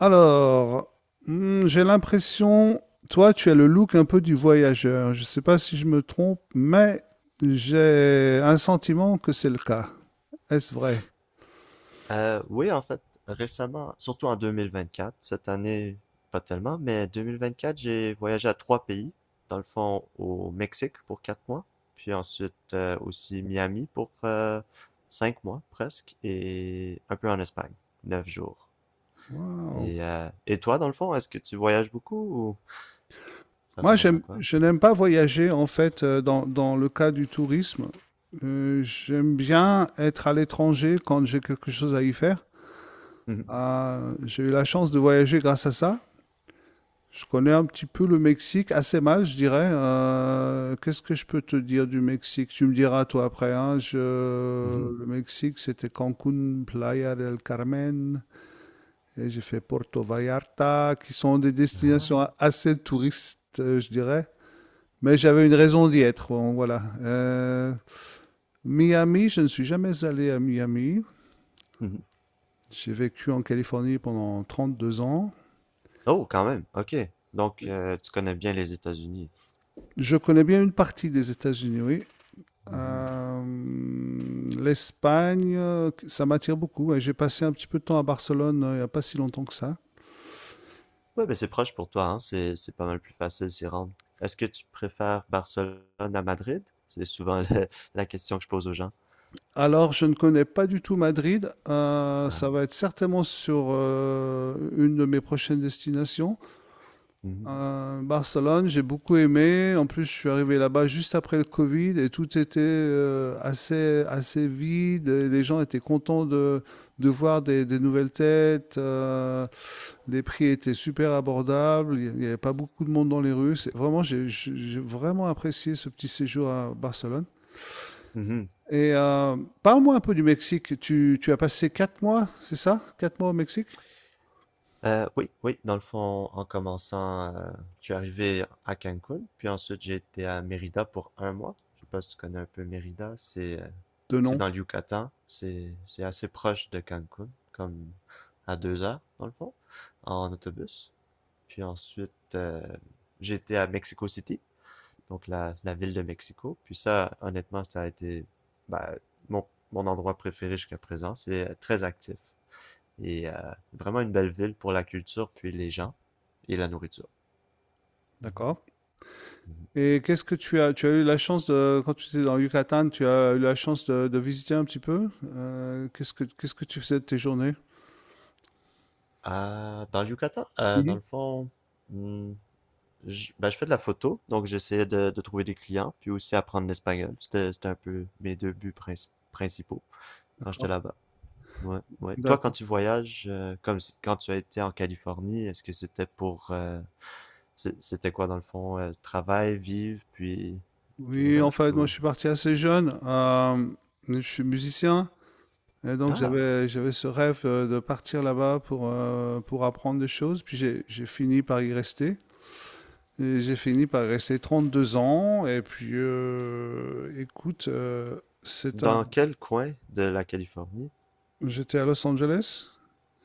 Alors, j'ai l'impression, toi, tu as le look un peu du voyageur. Je ne sais pas si je me trompe, mais j'ai un sentiment que c'est le cas. Est-ce vrai? Oui, en fait, récemment, surtout en 2024, cette année, pas tellement, mais 2024, j'ai voyagé à 3 pays. Dans le fond, au Mexique pour 4 mois, puis ensuite aussi Miami pour 5 mois presque, et un peu en Espagne, 9 jours. Waouh. Et toi, dans le fond, est-ce que tu voyages beaucoup ou ça Moi, ressemble à quoi? je n'aime pas voyager, en fait, dans le cas du tourisme. J'aime bien être à l'étranger quand j'ai quelque chose à y faire. Mhm, Ah, j'ai eu la chance de voyager grâce à ça. Je connais un petit peu le Mexique, assez mal, je dirais. Qu'est-ce que je peux te dire du Mexique? Tu me diras, toi, après. Hein. Mhm. Le Mexique, c'était Cancun, Playa del Carmen, et j'ai fait Porto Vallarta, qui sont des Ah, destinations assez touristes, je dirais. Mais j'avais une raison d'y être, bon, voilà. Miami, je ne suis jamais allé à Miami. mhm. J'ai vécu en Californie pendant 32 ans. Oh, quand même, ok. Donc, tu connais bien les États-Unis. Je connais bien une partie des États-Unis, oui. Euh, L'Espagne, ça m'attire beaucoup. Ouais. J'ai passé un petit peu de temps à Barcelone il n'y a pas si longtemps que ça. Ouais, ben c'est proche pour toi, hein. C'est pas mal plus facile s'y rendre. Est-ce que tu préfères Barcelone à Madrid? C'est souvent la, la question que je pose aux gens. Alors, je ne connais pas du tout Madrid. Euh, Ah, ça va être certainement sur une de mes prochaines destinations. mhm, Barcelone, j'ai beaucoup aimé. En plus, je suis arrivé là-bas juste après le Covid et tout était assez vide. Et les gens étaient contents de voir des nouvelles têtes. Les prix étaient super abordables. Il n'y avait pas beaucoup de monde dans les rues. Vraiment, j'ai vraiment apprécié ce petit séjour à Barcelone. mhm. Et parle-moi un peu du Mexique. Tu as passé 4 mois, c'est ça? 4 mois au Mexique? Oui, oui, dans le fond, en commençant, je suis arrivé à Cancun, puis ensuite j'ai été à Mérida pour 1 mois. Je sais pas si tu connais un peu Mérida, c'est, euh, De c'est non, dans le Yucatan, c'est assez proche de Cancun, comme à 2 heures, dans le fond, en autobus. Puis ensuite, j'ai à Mexico City, donc la ville de Mexico. Puis ça, honnêtement, ça a été ben, mon, mon endroit préféré jusqu'à présent. C'est très actif et vraiment une belle ville pour la culture, puis les gens et la nourriture. Mm-hmm. d'accord. Et qu'est-ce que tu as eu la chance de, quand tu étais dans le Yucatan, tu as eu la chance de visiter un petit peu? Qu'est-ce que tu faisais de tes journées? Dans le Yucatan, dans Mhm. le fond, hmm, je fais de la photo, donc j'essayais de trouver des clients, puis aussi apprendre l'espagnol. C'était un peu mes deux buts principaux quand j'étais D'accord, là-bas. Ouais, ouais. Toi, quand d'accord. tu voyages, comme si- quand tu as été en Californie, est-ce que c'était pour c'était quoi dans le fond? Travail, vivre, puis tout le Oui, en reste fait, moi, ou. je suis parti assez jeune. Je suis musicien. Et donc, Ah! j'avais ce rêve de partir là-bas pour apprendre des choses. Puis, j'ai fini par y rester. Et j'ai fini par y rester 32 ans. Et puis, écoute, c'est un. Dans quel coin de la Californie? J'étais à Los Angeles.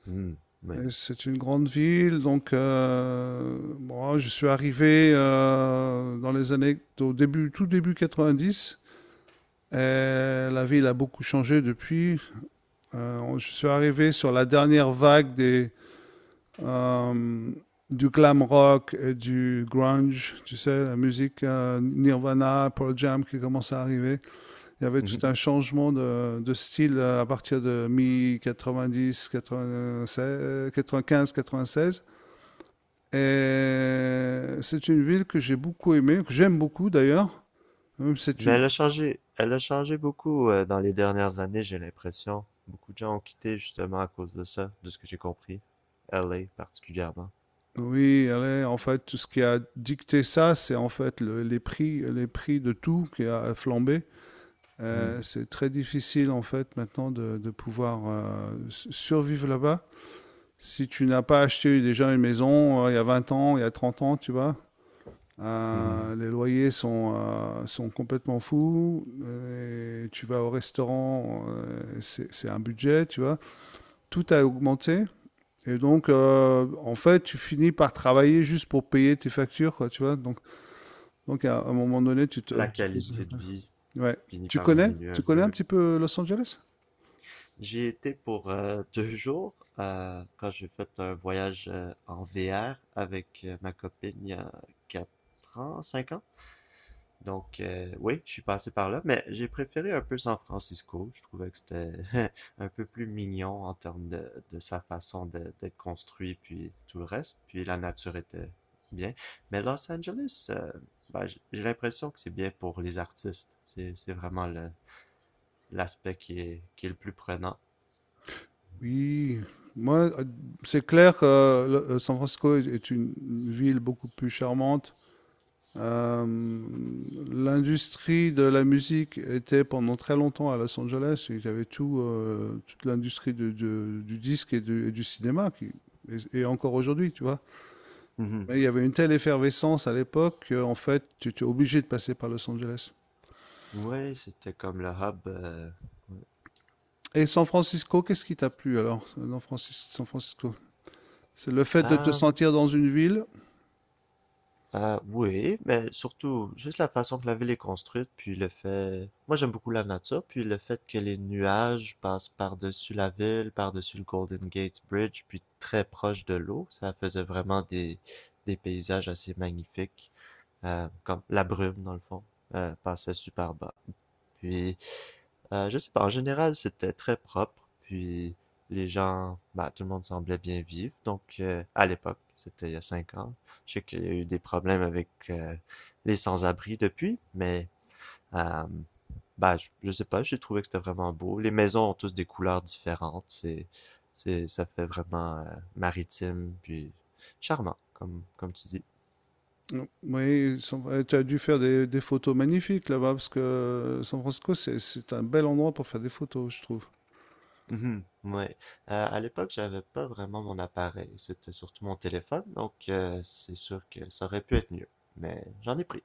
Hmm, mais. Et c'est une grande ville, donc moi, je suis arrivé dans les années, au début, tout début 90. Et la ville a beaucoup changé depuis. Je suis arrivé sur la dernière vague des, euh, du glam rock et du grunge, tu sais, la musique Nirvana, Pearl Jam qui commence à arriver. Il y avait tout Mhm. un changement de style à partir de mi quinze quatre-vingt seize. Et c'est une ville que j'ai beaucoup aimée, que j'aime beaucoup d'ailleurs. Même c'est Mais une. Elle a changé beaucoup dans les dernières années, j'ai l'impression. Beaucoup de gens ont quitté justement à cause de ça, de ce que j'ai compris. LA particulièrement. Oui, elle est, en fait, tout ce qui a dicté ça, c'est en fait les prix, de tout qui a flambé. Hmm, C'est très difficile en fait maintenant de pouvoir survivre là-bas. Si tu n'as pas acheté déjà une maison il y a 20 ans, il y a 30 ans, tu vois, mhm. les loyers sont complètement fous. Et tu vas au restaurant, c'est un budget, tu vois. Tout a augmenté. Et donc, en fait, tu finis par travailler juste pour payer tes factures, quoi, tu vois. donc à un moment donné, tu te, La tu te poses- qualité de vie Ouais. finit Tu par connais, diminuer tu un connais peu. un petit peu Los Angeles? J'y étais pour 2 jours quand j'ai fait un voyage en VR avec ma copine il y a 4 ans, 5 ans. Donc oui, je suis passé par là, mais j'ai préféré un peu San Francisco. Je trouvais que c'était un peu plus mignon en termes de sa façon d'être construit, puis tout le reste. Puis la nature était bien. Mais Los Angeles, ben, j'ai l'impression que c'est bien pour les artistes. C'est vraiment l'aspect qui est le plus prenant. Oui. Moi, c'est clair que San Francisco est une ville beaucoup plus charmante. Euh, l'industrie de la musique était pendant très longtemps à Los Angeles. Il y avait tout, toute l'industrie du disque et du cinéma qui, et encore aujourd'hui, tu vois. Mhm. Mais il y avait une telle effervescence à l'époque qu'en fait, tu étais obligé de passer par Los Angeles. Oui, c'était comme le hub. Et San Francisco, qu'est-ce qui t'a plu alors, dans San Francisco? C'est le fait de te Ah, sentir dans une ville. ah, oui, mais surtout, juste la façon que la ville est construite, puis le fait. Moi, j'aime beaucoup la nature, puis le fait que les nuages passent par-dessus la ville, par-dessus le Golden Gate Bridge, puis très proche de l'eau, ça faisait vraiment des paysages assez magnifiques. Comme la brume, dans le fond, passait super bas. Puis, je sais pas, en général, c'était très propre, puis les gens, bah, tout le monde semblait bien vivre. Donc, à l'époque, c'était il y a 5 ans. Je sais qu'il y a eu des problèmes avec les sans-abri depuis, mais euh, bah, je sais pas, j'ai trouvé que c'était vraiment beau. Les maisons ont tous des couleurs différentes. Ça fait vraiment maritime, puis charmant, comme tu dis. Oui, tu as dû faire des photos magnifiques là-bas, parce que San Francisco, c'est un bel endroit pour faire des photos, je trouve. Mhm, ouais. À l'époque, j'avais pas vraiment mon appareil. C'était surtout mon téléphone, donc c'est sûr que ça aurait pu être mieux. Mais j'en ai pris.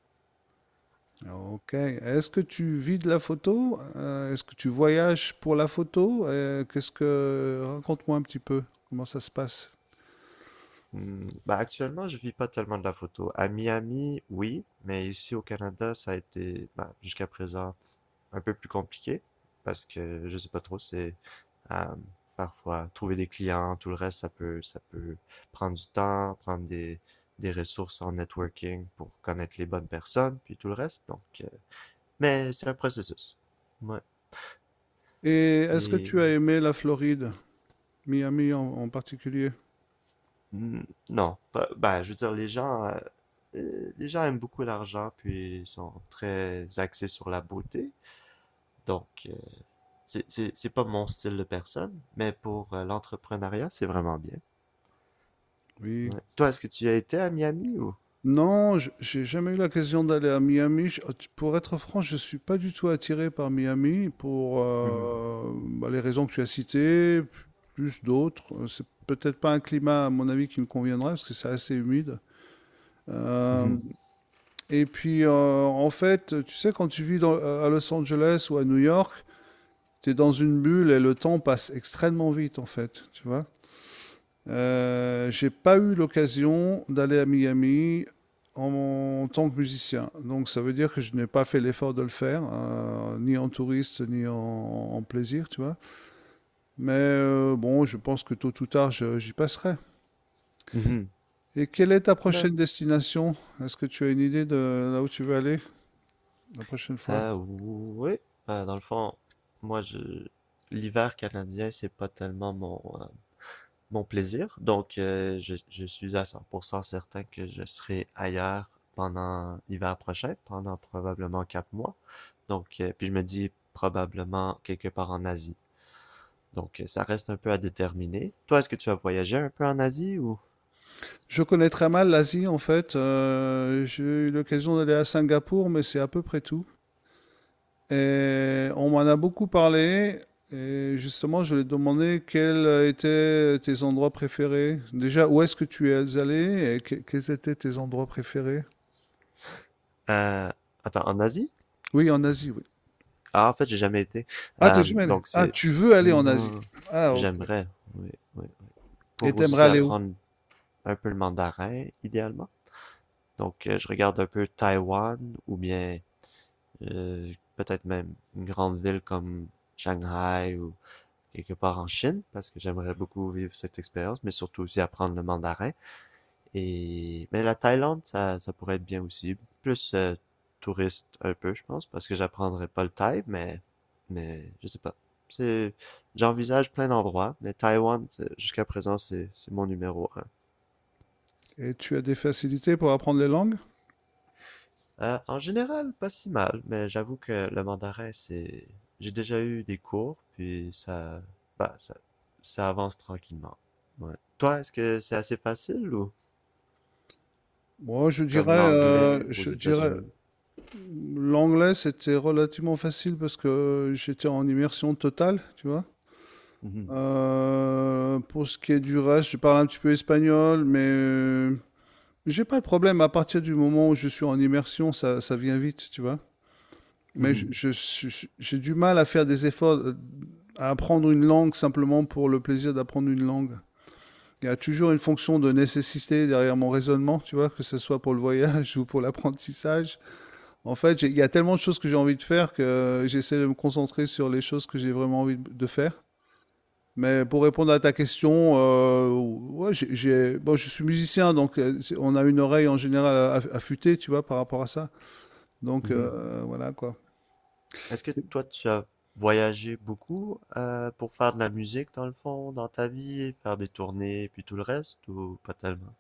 Ok. Est-ce que tu vis de la photo? Est-ce que tu voyages pour la photo? Raconte-moi un petit peu comment ça se passe. Bah, actuellement, je vis pas tellement de la photo. À Miami, oui, mais ici au Canada, ça a été bah, jusqu'à présent un peu plus compliqué parce que je sais pas trop. C'est euh, parfois trouver des clients, tout le reste, ça peut prendre du temps, prendre des ressources en networking pour connaître les bonnes personnes, puis tout le reste. Donc, mais c'est un processus. Ouais. Et est-ce que Et tu as aimé la Floride? Miami en particulier, mm, non, bah ben, je veux dire, les gens aiment beaucoup l'argent, puis ils sont très axés sur la beauté. Donc, c'est pas mon style de personne, mais pour l'entrepreneuriat, c'est vraiment bien. oui. Ouais. Toi, est-ce que tu as été à Miami ou? Non, j'ai jamais eu l'occasion d'aller à Miami. Pour être franc, je suis pas du tout attiré par Miami pour Mhm. Bah, les raisons que tu as citées, plus d'autres. C'est peut-être pas un climat, à mon avis, qui me conviendrait parce que c'est assez humide. Euh, Mhm. et puis, en fait, tu sais, quand tu vis à Los Angeles ou à New York, tu es dans une bulle et le temps passe extrêmement vite, en fait, tu vois. J'ai pas eu l'occasion d'aller à Miami tant que musicien. Donc ça veut dire que je n'ai pas fait l'effort de le faire, ni en touriste, ni en plaisir, tu vois. Mais bon, je pense que tôt ou tard, j'y passerai. Mhm. Et quelle est ta Ben, prochaine destination? Est-ce que tu as une idée de là où tu veux aller la prochaine fois? Oui. Ben, dans le fond, moi, je l'hiver canadien, c'est pas tellement mon plaisir. Donc, je suis à 100% certain que je serai ailleurs pendant l'hiver prochain, pendant probablement 4 mois. Donc, puis je me dis probablement quelque part en Asie. Donc, ça reste un peu à déterminer. Toi, est-ce que tu as voyagé un peu en Asie ou. Je connais très mal l'Asie en fait. J'ai eu l'occasion d'aller à Singapour, mais c'est à peu près tout. Et on m'en a beaucoup parlé. Et justement, je lui ai demandé quels étaient tes endroits préférés. Déjà, où est-ce que tu es allé et quels étaient tes endroits préférés? Euh, Attends, en Asie? Oui, en Asie, oui. Ah, en fait, j'ai jamais été. Ah, t'es oui, jamais allé. Donc, Ah, c'est. tu veux aller en Asie. Non, Ah, ok. j'aimerais. Oui, oui, oui. Et Pour t'aimerais aussi aller où? apprendre un peu le mandarin, idéalement. Donc, je regarde un peu Taïwan ou bien peut-être même une grande ville comme Shanghai ou quelque part en Chine, parce que j'aimerais beaucoup vivre cette expérience, mais surtout aussi apprendre le mandarin. Et mais la Thaïlande, ça pourrait être bien aussi, plus touriste un peu, je pense, parce que j'apprendrai pas le thaï, mais je sais pas. C'est J'envisage plein d'endroits, mais Taïwan jusqu'à présent c'est mon numéro un. Et tu as des facilités pour apprendre les langues? En général, pas si mal, mais j'avoue que le mandarin, c'est. J'ai déjà eu des cours, puis ça. Bah, ça avance tranquillement. Ouais. Toi, est-ce que c'est assez facile ou Moi, je dirais, comme euh, l'anglais aux je dirais, États-Unis? l'anglais, c'était relativement facile parce que j'étais en immersion totale, tu vois. Mhm, Pour ce qui est du reste, je parle un petit peu espagnol, mais j'ai pas de problème. À partir du moment où je suis en immersion, ça vient vite, tu vois. Mais mhm, j'ai du mal à faire des efforts, à apprendre une langue simplement pour le plaisir d'apprendre une langue. Il y a toujours une fonction de nécessité derrière mon raisonnement, tu vois, que ce soit pour le voyage ou pour l'apprentissage. En fait, il y a tellement de choses que j'ai envie de faire que j'essaie de me concentrer sur les choses que j'ai vraiment envie de faire. Mais pour répondre à ta question, ouais, bon, je suis musicien, donc on a une oreille en général affûtée, tu vois, par rapport à ça. Donc, Mhm, mhm. Voilà quoi. Est-ce que toi, tu as voyagé beaucoup pour faire de la musique dans le fond, dans ta vie, faire des tournées, puis tout le reste, ou pas tellement?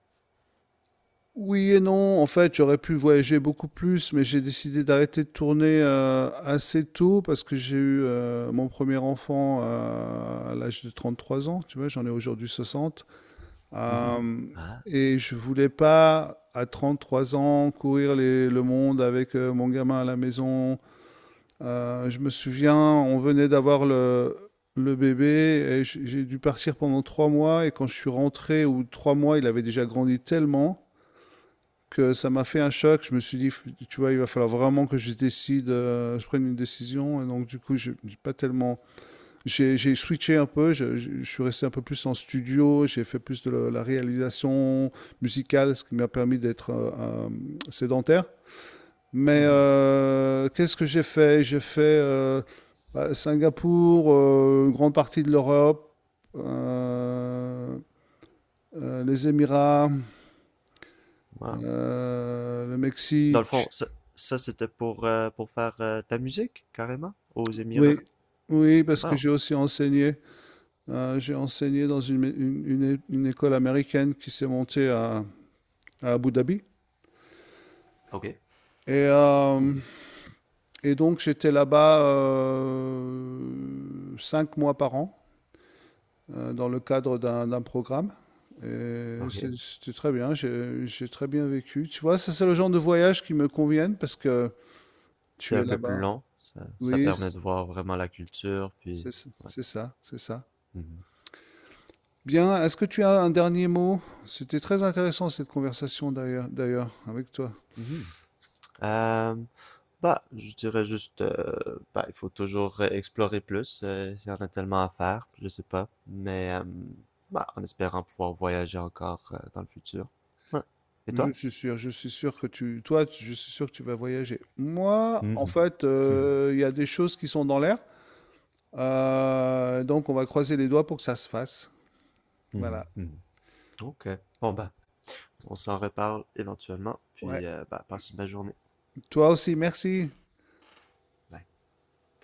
Oui et non, en fait, j'aurais pu voyager beaucoup plus, mais j'ai décidé d'arrêter de tourner assez tôt parce que j'ai eu mon premier enfant à l'âge de 33 ans, tu vois, j'en ai aujourd'hui 60. Mhm. Mhm. Euh, Ah, et je voulais pas, à 33 ans, courir le monde avec mon gamin à la maison. Je me souviens, on venait d'avoir le, bébé et j'ai dû partir pendant 3 mois. Et quand je suis rentré, ou 3 mois, il avait déjà grandi tellement que ça m'a fait un choc. Je me suis dit, tu vois, il va falloir vraiment que je décide, je prenne une décision. Et donc, du coup, j'ai pas tellement. J'ai switché un peu. Je suis resté un peu plus en studio. J'ai fait plus de la, réalisation musicale, ce qui m'a permis d'être sédentaire. Mais hmm, qu'est-ce que j'ai fait? J'ai fait bah, Singapour, une grande partie de l'Europe, euh, les Émirats, wow. Le Dans le fond, Mexique. ça, c'était pour faire de la musique, carrément, aux Oui, Émirats. oui, parce que Wow. j'ai aussi enseigné. J'ai enseigné dans une école américaine qui s'est montée à Abu Dhabi. Ok. Et, euh, Hmm, et donc j'étais là-bas 5 mois par an. Dans le cadre d'un programme. Et ok. c'était très bien, j'ai très bien vécu. Tu vois, ça c'est le genre de voyage qui me conviennent parce que C'est tu es un peu plus là-bas. long. Ça Oui, permet c'est de voir vraiment la culture, puis. c'est ça, Ouais. c'est ça. C'est ça. Mhm. Bien, est-ce que tu as un dernier mot? C'était très intéressant cette conversation d'ailleurs, avec toi. Mhm. Euh, Bah, je dirais juste, bah, il faut toujours explorer plus. Il y en a tellement à faire, je sais pas. Mais, bah, en espérant pouvoir voyager encore dans le futur. Ouais. Et Je toi? suis sûr, je suis sûr que tu, toi, tu- je suis sûr que tu vas voyager. Moi, en Mhm, fait, mhm, il y a des choses qui sont dans l'air, Donc on va croiser les doigts pour que ça se fasse. mhm, Voilà. mhm. Ok. Bon, bah, on s'en reparle éventuellement, Ouais. puis bah, passe une belle journée. Toi aussi, merci. Bye.